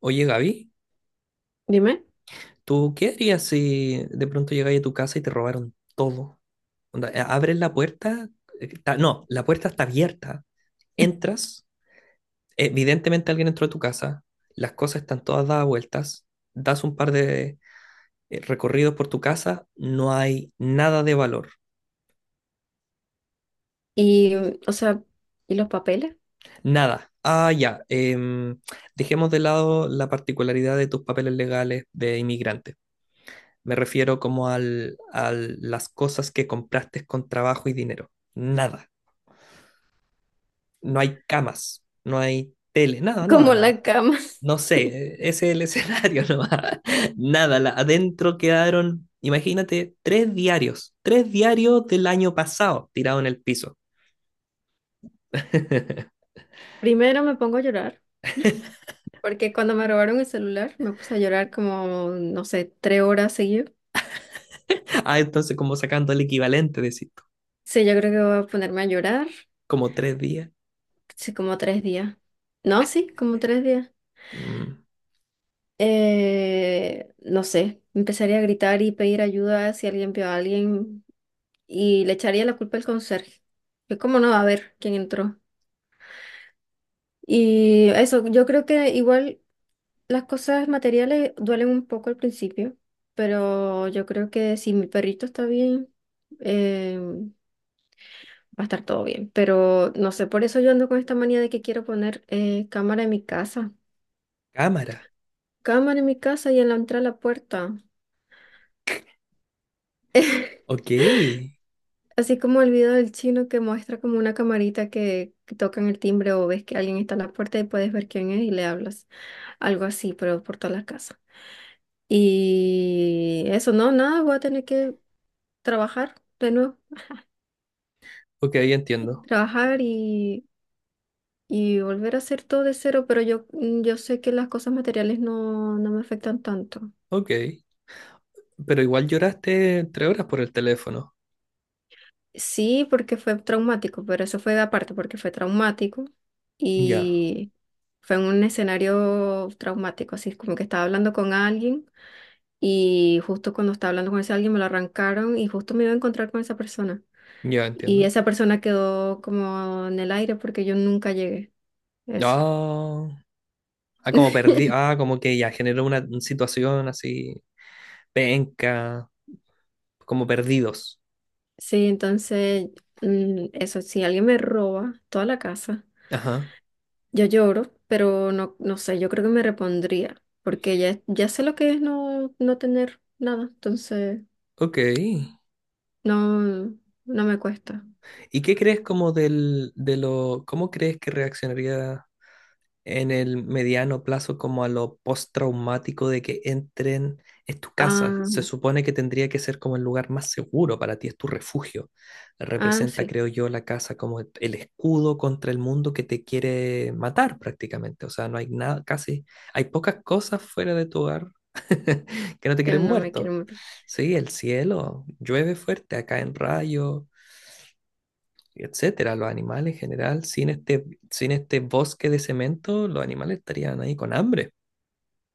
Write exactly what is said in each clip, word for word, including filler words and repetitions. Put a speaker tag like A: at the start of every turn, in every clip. A: Oye, Gaby,
B: Dime.
A: ¿tú qué harías si de pronto llegáis a tu casa y te robaron todo? Onda, eh, abres la puerta, eh, está- no, la puerta está abierta, entras, evidentemente alguien entró a tu casa, las cosas están todas dadas vueltas, das un par de eh, recorridos por tu casa, no hay nada de valor,
B: Y, o sea, ¿y los papeles?
A: nada. Ah, ya, em, dejemos de lado la particularidad de tus papeles legales de inmigrante. Me refiero como al, a las cosas que compraste con trabajo y dinero. Nada. No hay camas, no hay tele, nada, nada,
B: Como la
A: nada.
B: cama.
A: No sé, e, ese es el escenario nomás. Nada, la- adentro quedaron, imagínate, tres diarios, tres diarios del año pasado tirados en el piso.
B: Primero me pongo a llorar, porque cuando me robaron el celular me puse a llorar como, no sé, tres horas seguidas.
A: Ah, entonces como sacando el equivalente, decís tú,
B: Sí, yo creo que voy a ponerme a llorar,
A: como tres días.
B: sí, como tres días. No, sí, como tres días.
A: Mm,
B: Eh, no sé, empezaría a gritar y pedir ayuda si alguien vio a alguien y le echaría la culpa al conserje. Que cómo no va a ver quién entró. Y eso, yo creo que igual las cosas materiales duelen un poco al principio, pero yo creo que si mi perrito está bien, eh, va a estar todo bien. Pero no sé, por eso yo ando con esta manía de que quiero poner eh, cámara en mi casa.
A: cámara.
B: Cámara en mi casa y en la entrada a la puerta.
A: Ok,
B: Así como el video del chino que muestra como una camarita que, que tocan el timbre o ves que alguien está en la puerta y puedes ver quién es y le hablas. Algo así, pero por toda la casa. Y eso, no, nada, voy a tener que trabajar de nuevo.
A: ok, entiendo.
B: Trabajar y, y volver a hacer todo de cero, pero yo, mm, yo sé que las cosas materiales no, no me afectan tanto.
A: Ok, pero igual lloraste tres horas por el teléfono.
B: Sí, porque fue traumático, pero eso fue aparte, porque fue traumático
A: Ya,
B: y fue en un escenario traumático, así como que estaba hablando con alguien y justo cuando estaba hablando con ese alguien me lo arrancaron y justo me iba a encontrar con esa persona.
A: ya
B: Y
A: entiendo.
B: esa persona quedó como en el aire porque yo nunca llegué. Eso.
A: Ah, ah, como perdí, ah, como que ya generó una situación así, penca, como perdidos.
B: Sí, entonces, mm, eso, si alguien me roba toda la casa,
A: Ajá,
B: yo lloro, pero no, no sé, yo creo que me repondría, porque ya, ya sé lo que es no, no tener nada, entonces
A: ok.
B: no, no me cuesta.
A: ¿Y qué crees como del, de lo, cómo crees que reaccionaría en el mediano plazo como a lo postraumático de que entren? Es tu casa,
B: Ah,
A: se supone que tendría que ser como el lugar más seguro para ti, es tu refugio.
B: ah,
A: Representa,
B: sí,
A: creo yo, la casa como el escudo contra el mundo que te quiere matar prácticamente. O sea, no hay nada, casi, hay pocas cosas fuera de tu hogar que no te
B: yo
A: quieren
B: no me quiero
A: muerto.
B: matar.
A: Sí, el cielo llueve fuerte acá en Rayo, etcétera. Los animales en general, sin este, sin este bosque de cemento, los animales estarían ahí con hambre.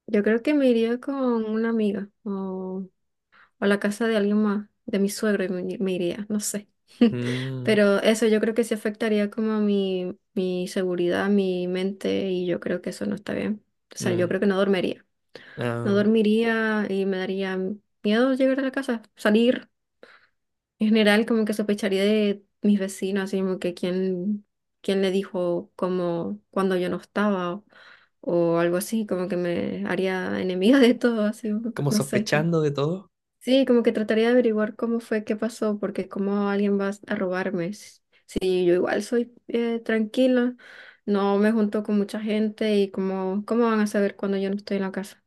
B: Yo creo que me iría con una amiga, o o a la casa de alguien más, de mi suegro, y me, me iría, no sé.
A: Mm,
B: Pero eso yo creo que sí afectaría como a mi, mi seguridad, mi mente, y yo creo que eso no está bien. O sea, yo
A: mm,
B: creo que no dormiría. No
A: ah,
B: dormiría y me daría miedo llegar a la casa, salir. En general, como que sospecharía de mis vecinos, así como que quién, quién le dijo como cuando yo no estaba o, o algo así, como que me haría enemiga de todo, así,
A: como
B: no sé.
A: sospechando de todo.
B: Sí, como que trataría de averiguar cómo fue, qué pasó, porque cómo alguien va a robarme. S- sí, yo igual soy eh, tranquila, no me junto con mucha gente y cómo, cómo van a saber cuando yo no estoy en la casa.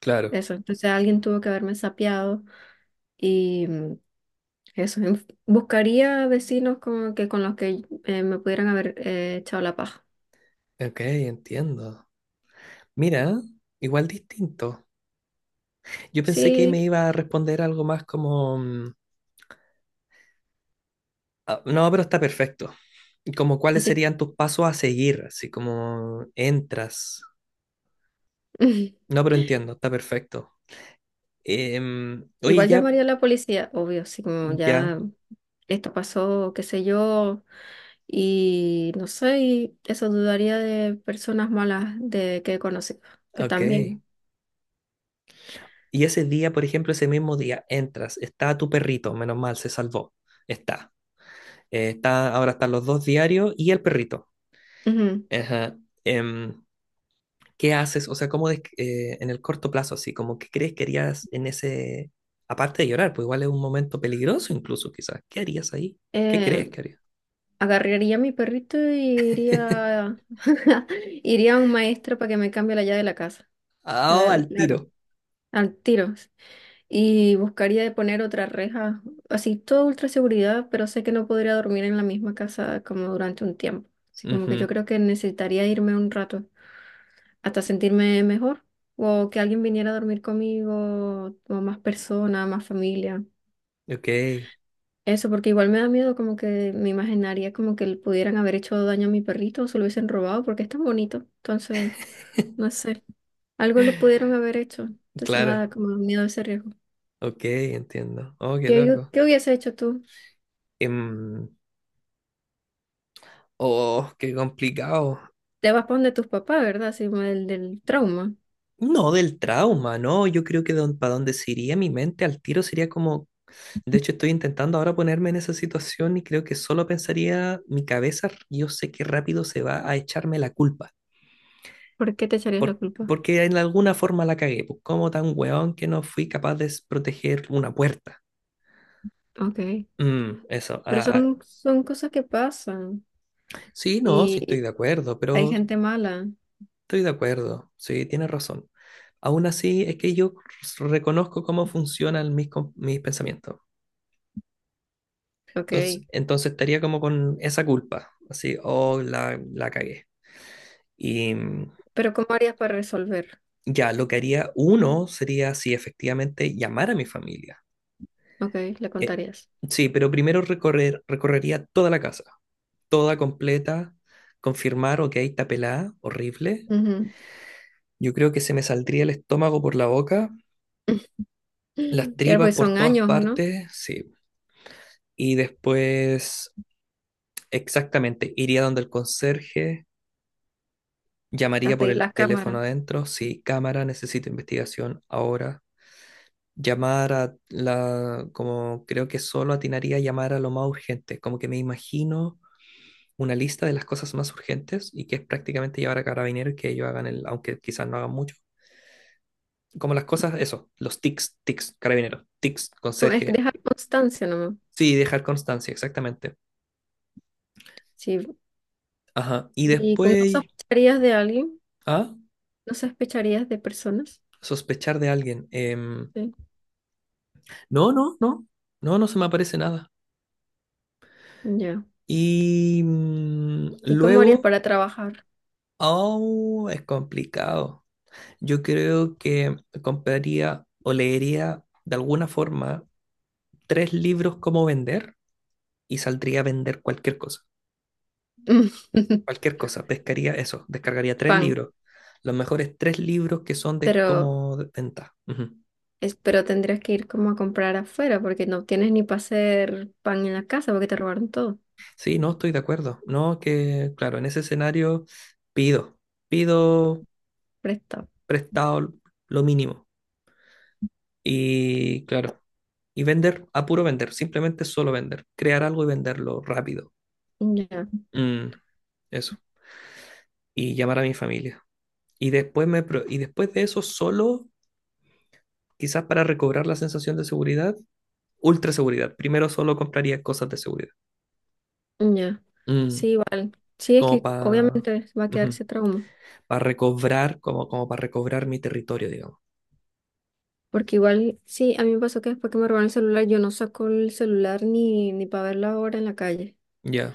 A: Claro,
B: Eso, entonces alguien tuvo que haberme sapeado y mm, eso, en- buscaría vecinos como que con los que eh, me pudieran haber eh, echado la paja.
A: ok, entiendo. Mira, igual distinto. Yo pensé que
B: Sí,
A: me iba a responder algo más como, mm, ah, no, pero está perfecto. Como cuáles
B: así.
A: serían tus pasos a seguir, así como entras. No, pero entiendo, está perfecto. Em, oye,
B: Igual
A: ya,
B: llamaría a la policía, obvio, así como
A: ya,
B: ya esto pasó, qué sé yo. Y no sé, y eso dudaría de personas malas de que he conocido, que
A: ok.
B: también.
A: Y ese día, por ejemplo, ese mismo día, entras, está tu perrito, menos mal, se salvó, está. Eh, está ahora están los dos diarios y el perrito.
B: Ujú.
A: Ajá. Em, ¿qué haces? O sea, ¿cómo des- eh, en el corto plazo, así como que crees que harías en ese, aparte de llorar? Pues igual es un momento peligroso incluso, quizás. ¿Qué harías ahí? ¿Qué
B: Eh,
A: crees que harías?
B: Agarraría a mi perrito y iría, iría a un maestro para que me cambie la llave de la casa,
A: Ah,
B: la-
A: al
B: la-
A: tiro.
B: al tiro. Y buscaría de poner otra reja, así todo ultra seguridad, pero sé que no podría dormir en la misma casa como durante un tiempo. Así como que yo
A: Ujú.
B: creo que necesitaría irme un rato, hasta sentirme mejor o que alguien viniera a dormir conmigo o más personas, más familia.
A: Ok,
B: Eso, porque igual me da miedo como que me imaginaría como que le pudieran haber hecho daño a mi perrito o se lo hubiesen robado porque es tan bonito. Entonces, no sé, algo le pudieron haber hecho. Entonces me da
A: claro.
B: como miedo ese riesgo.
A: Ok, entiendo. Oh, qué
B: ¿Qué, hu-
A: loco.
B: qué hubiese hecho tú?
A: Em, oh, qué complicado.
B: Te vas para donde tus papás, ¿verdad? Sí, del, del trauma.
A: No, del trauma, ¿no? Yo creo que para donde se iría mi mente al tiro sería como, de hecho estoy intentando ahora ponerme en esa situación y creo que solo pensaría mi cabeza, yo sé que rápido se va a echarme la culpa,
B: ¿Por qué te echarías la
A: por-
B: culpa?
A: porque en alguna forma la cagué, pues como tan weón que no fui capaz de s- proteger una puerta.
B: Ok.
A: Mm, eso,
B: Pero
A: ah,
B: son,
A: ah.
B: son cosas que pasan
A: Sí, no, sí estoy
B: y
A: de acuerdo,
B: hay
A: pero
B: gente mala.
A: estoy de acuerdo, sí, tienes razón. Aún así, es que yo reconozco cómo funcionan mis, com- mis pensamientos. Entonces,
B: Ok.
A: entonces estaría como con esa culpa, así, oh, la, la cagué. Y mm,
B: Pero ¿cómo harías para resolver?
A: ya, lo que haría uno sería, sí, efectivamente, llamar a mi familia.
B: Ok, le
A: Eh,
B: contarías.
A: sí, pero primero recorrer, recorrería toda la casa, toda completa, confirmar, ok, está pelada, horrible.
B: Ujú.
A: Yo creo que se me saldría el estómago por la boca, las
B: Claro,
A: tripas
B: pues
A: por
B: son
A: todas
B: años, ¿o no?
A: partes, sí. Y después, exactamente, iría donde el conserje. Llamaría
B: A
A: por
B: pedir
A: el
B: las
A: teléfono
B: cámaras.
A: adentro. Sí, cámara, necesito investigación ahora. Llamar a la, como creo que solo atinaría a llamar a lo más urgente. Como que me imagino una lista de las cosas más urgentes y que es prácticamente llevar a carabineros y que ellos hagan el, aunque quizás no hagan mucho. Como las cosas, eso, los tics, tics, carabineros, tics,
B: Como es que
A: conserje.
B: dejar constancia nomás.
A: Sí, dejar constancia, exactamente.
B: Sí.
A: Ajá. Y
B: ¿Y cómo no
A: después,
B: sospecharías de alguien?
A: ah,
B: ¿No sospecharías de personas?
A: sospechar de alguien. Em,
B: Sí.
A: no, no, no, no, no se me aparece nada.
B: Ya.
A: Y mm,
B: ¿Y cómo harías
A: luego,
B: para trabajar?
A: oh, es complicado. Yo creo que compraría o leería de alguna forma tres libros como vender y saldría a vender cualquier cosa. Cualquier cosa, pescaría eso, descargaría tres
B: Pan.
A: libros. Los mejores tres libros que son de
B: Pero,
A: cómo de venta. Ujú.
B: es- pero tendrías que ir como a comprar afuera porque no tienes ni para hacer pan en la casa porque te robaron todo.
A: Sí, no estoy de acuerdo. No, que claro, en ese escenario pido, pido
B: Prestado.
A: prestado lo mínimo. Y claro. Y vender, a puro vender, simplemente solo vender. Crear algo y venderlo rápido.
B: Ya,
A: Mm, eso. Y llamar a mi familia. Y después, me, pro- y después de eso, solo, quizás para recobrar la sensación de seguridad, ultra seguridad. Primero solo compraría cosas de seguridad.
B: ya. Sí,
A: Mm,
B: igual. Sí, es
A: como
B: que
A: para...
B: obviamente va a quedar ese trauma.
A: Para recobrar, como, como para recobrar mi territorio, digamos.
B: Porque igual, sí, a mí me pasó que después que me robaron el celular, yo no saco el celular ni, ni para ver la hora en la calle.
A: Ya,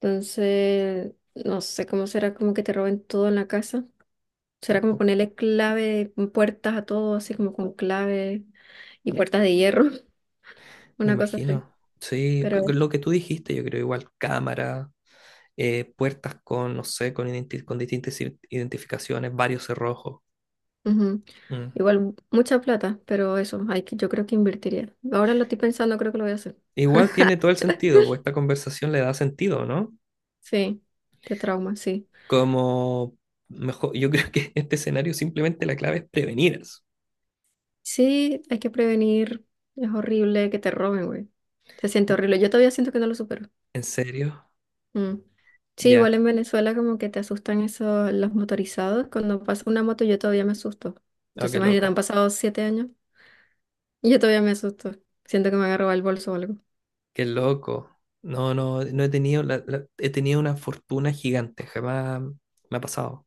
B: Entonces, no sé cómo será como que te roben todo en la casa. Será como
A: tampoco.
B: ponerle clave, puertas a todo, así como con clave y puertas de hierro,
A: Me
B: una cosa así.
A: imagino. Sí,
B: Pero
A: c- lo que tú dijiste, yo creo igual. Cámara, eh, puertas con, no sé, con, identi- con distintas i- identificaciones, varios cerrojos.
B: ujú,
A: Mm.
B: igual, mucha plata, pero eso, hay que, yo creo que invertiría. Ahora lo estoy pensando, creo que lo voy a hacer.
A: Igual tiene todo el sentido, pues esta conversación le da sentido, ¿no?
B: Sí, qué trauma, sí.
A: Como mejor, yo creo que en este escenario simplemente la clave es prevenir eso.
B: Sí, hay que prevenir. Es horrible que te roben, güey. Se siente horrible. Yo todavía siento que no lo supero.
A: ¿En serio?
B: Mm. Sí, igual
A: Ya.
B: en Venezuela como que te asustan esos, los motorizados. Cuando pasa una moto yo todavía me asusto.
A: Oh,
B: Entonces
A: qué
B: imagínate, han
A: loco.
B: pasado siete años y yo todavía me asusto. Siento que me van a robar el bolso o algo.
A: Qué loco. No, no, no he tenido, la- la- he tenido una fortuna gigante. Jamás me ha pasado.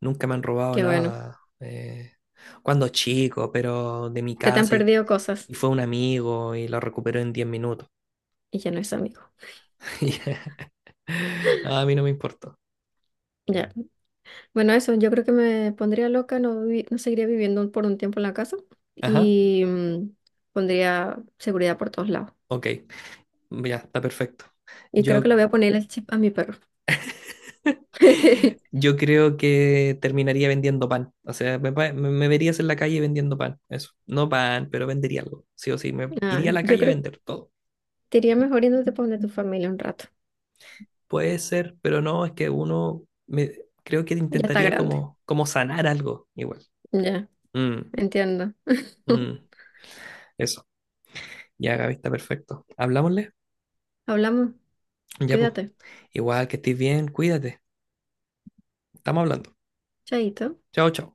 A: Nunca me han robado
B: Qué bueno.
A: nada. Eh, cuando chico, pero de mi
B: Se te han
A: casa.
B: perdido
A: Y
B: cosas
A: fue un amigo y lo recuperó en diez minutos.
B: y ya no es amigo.
A: Y, a mí no me importó.
B: Ya. Bueno, eso, yo creo que me pondría loca, no, vivi- no seguiría viviendo por un tiempo en la casa
A: Ajá,
B: y mm, pondría seguridad por todos lados.
A: ok, ya, está perfecto.
B: Y creo que
A: Yo,
B: le voy a poner el chip a mi perro.
A: yo creo que terminaría vendiendo pan. O sea, me, pa- me- me verías en la calle vendiendo pan. Eso. No pan, pero vendería algo. Sí o sí, me
B: Ah,
A: iría a la
B: yo
A: calle a
B: creo
A: vender todo.
B: te iría mejor yéndote para donde tu familia un rato.
A: Puede ser, pero no, es que uno me, creo que
B: Ya está
A: intentaría
B: grande.
A: como, como sanar algo igual.
B: Ya,
A: Mm,
B: entiendo.
A: mm, eso. Ya, Gaby, está perfecto. ¿Hablámosle?
B: Hablamos.
A: Ya, pues.
B: Cuídate.
A: Igual que estés bien, cuídate. Estamos hablando.
B: Chaito.
A: Chao, chao.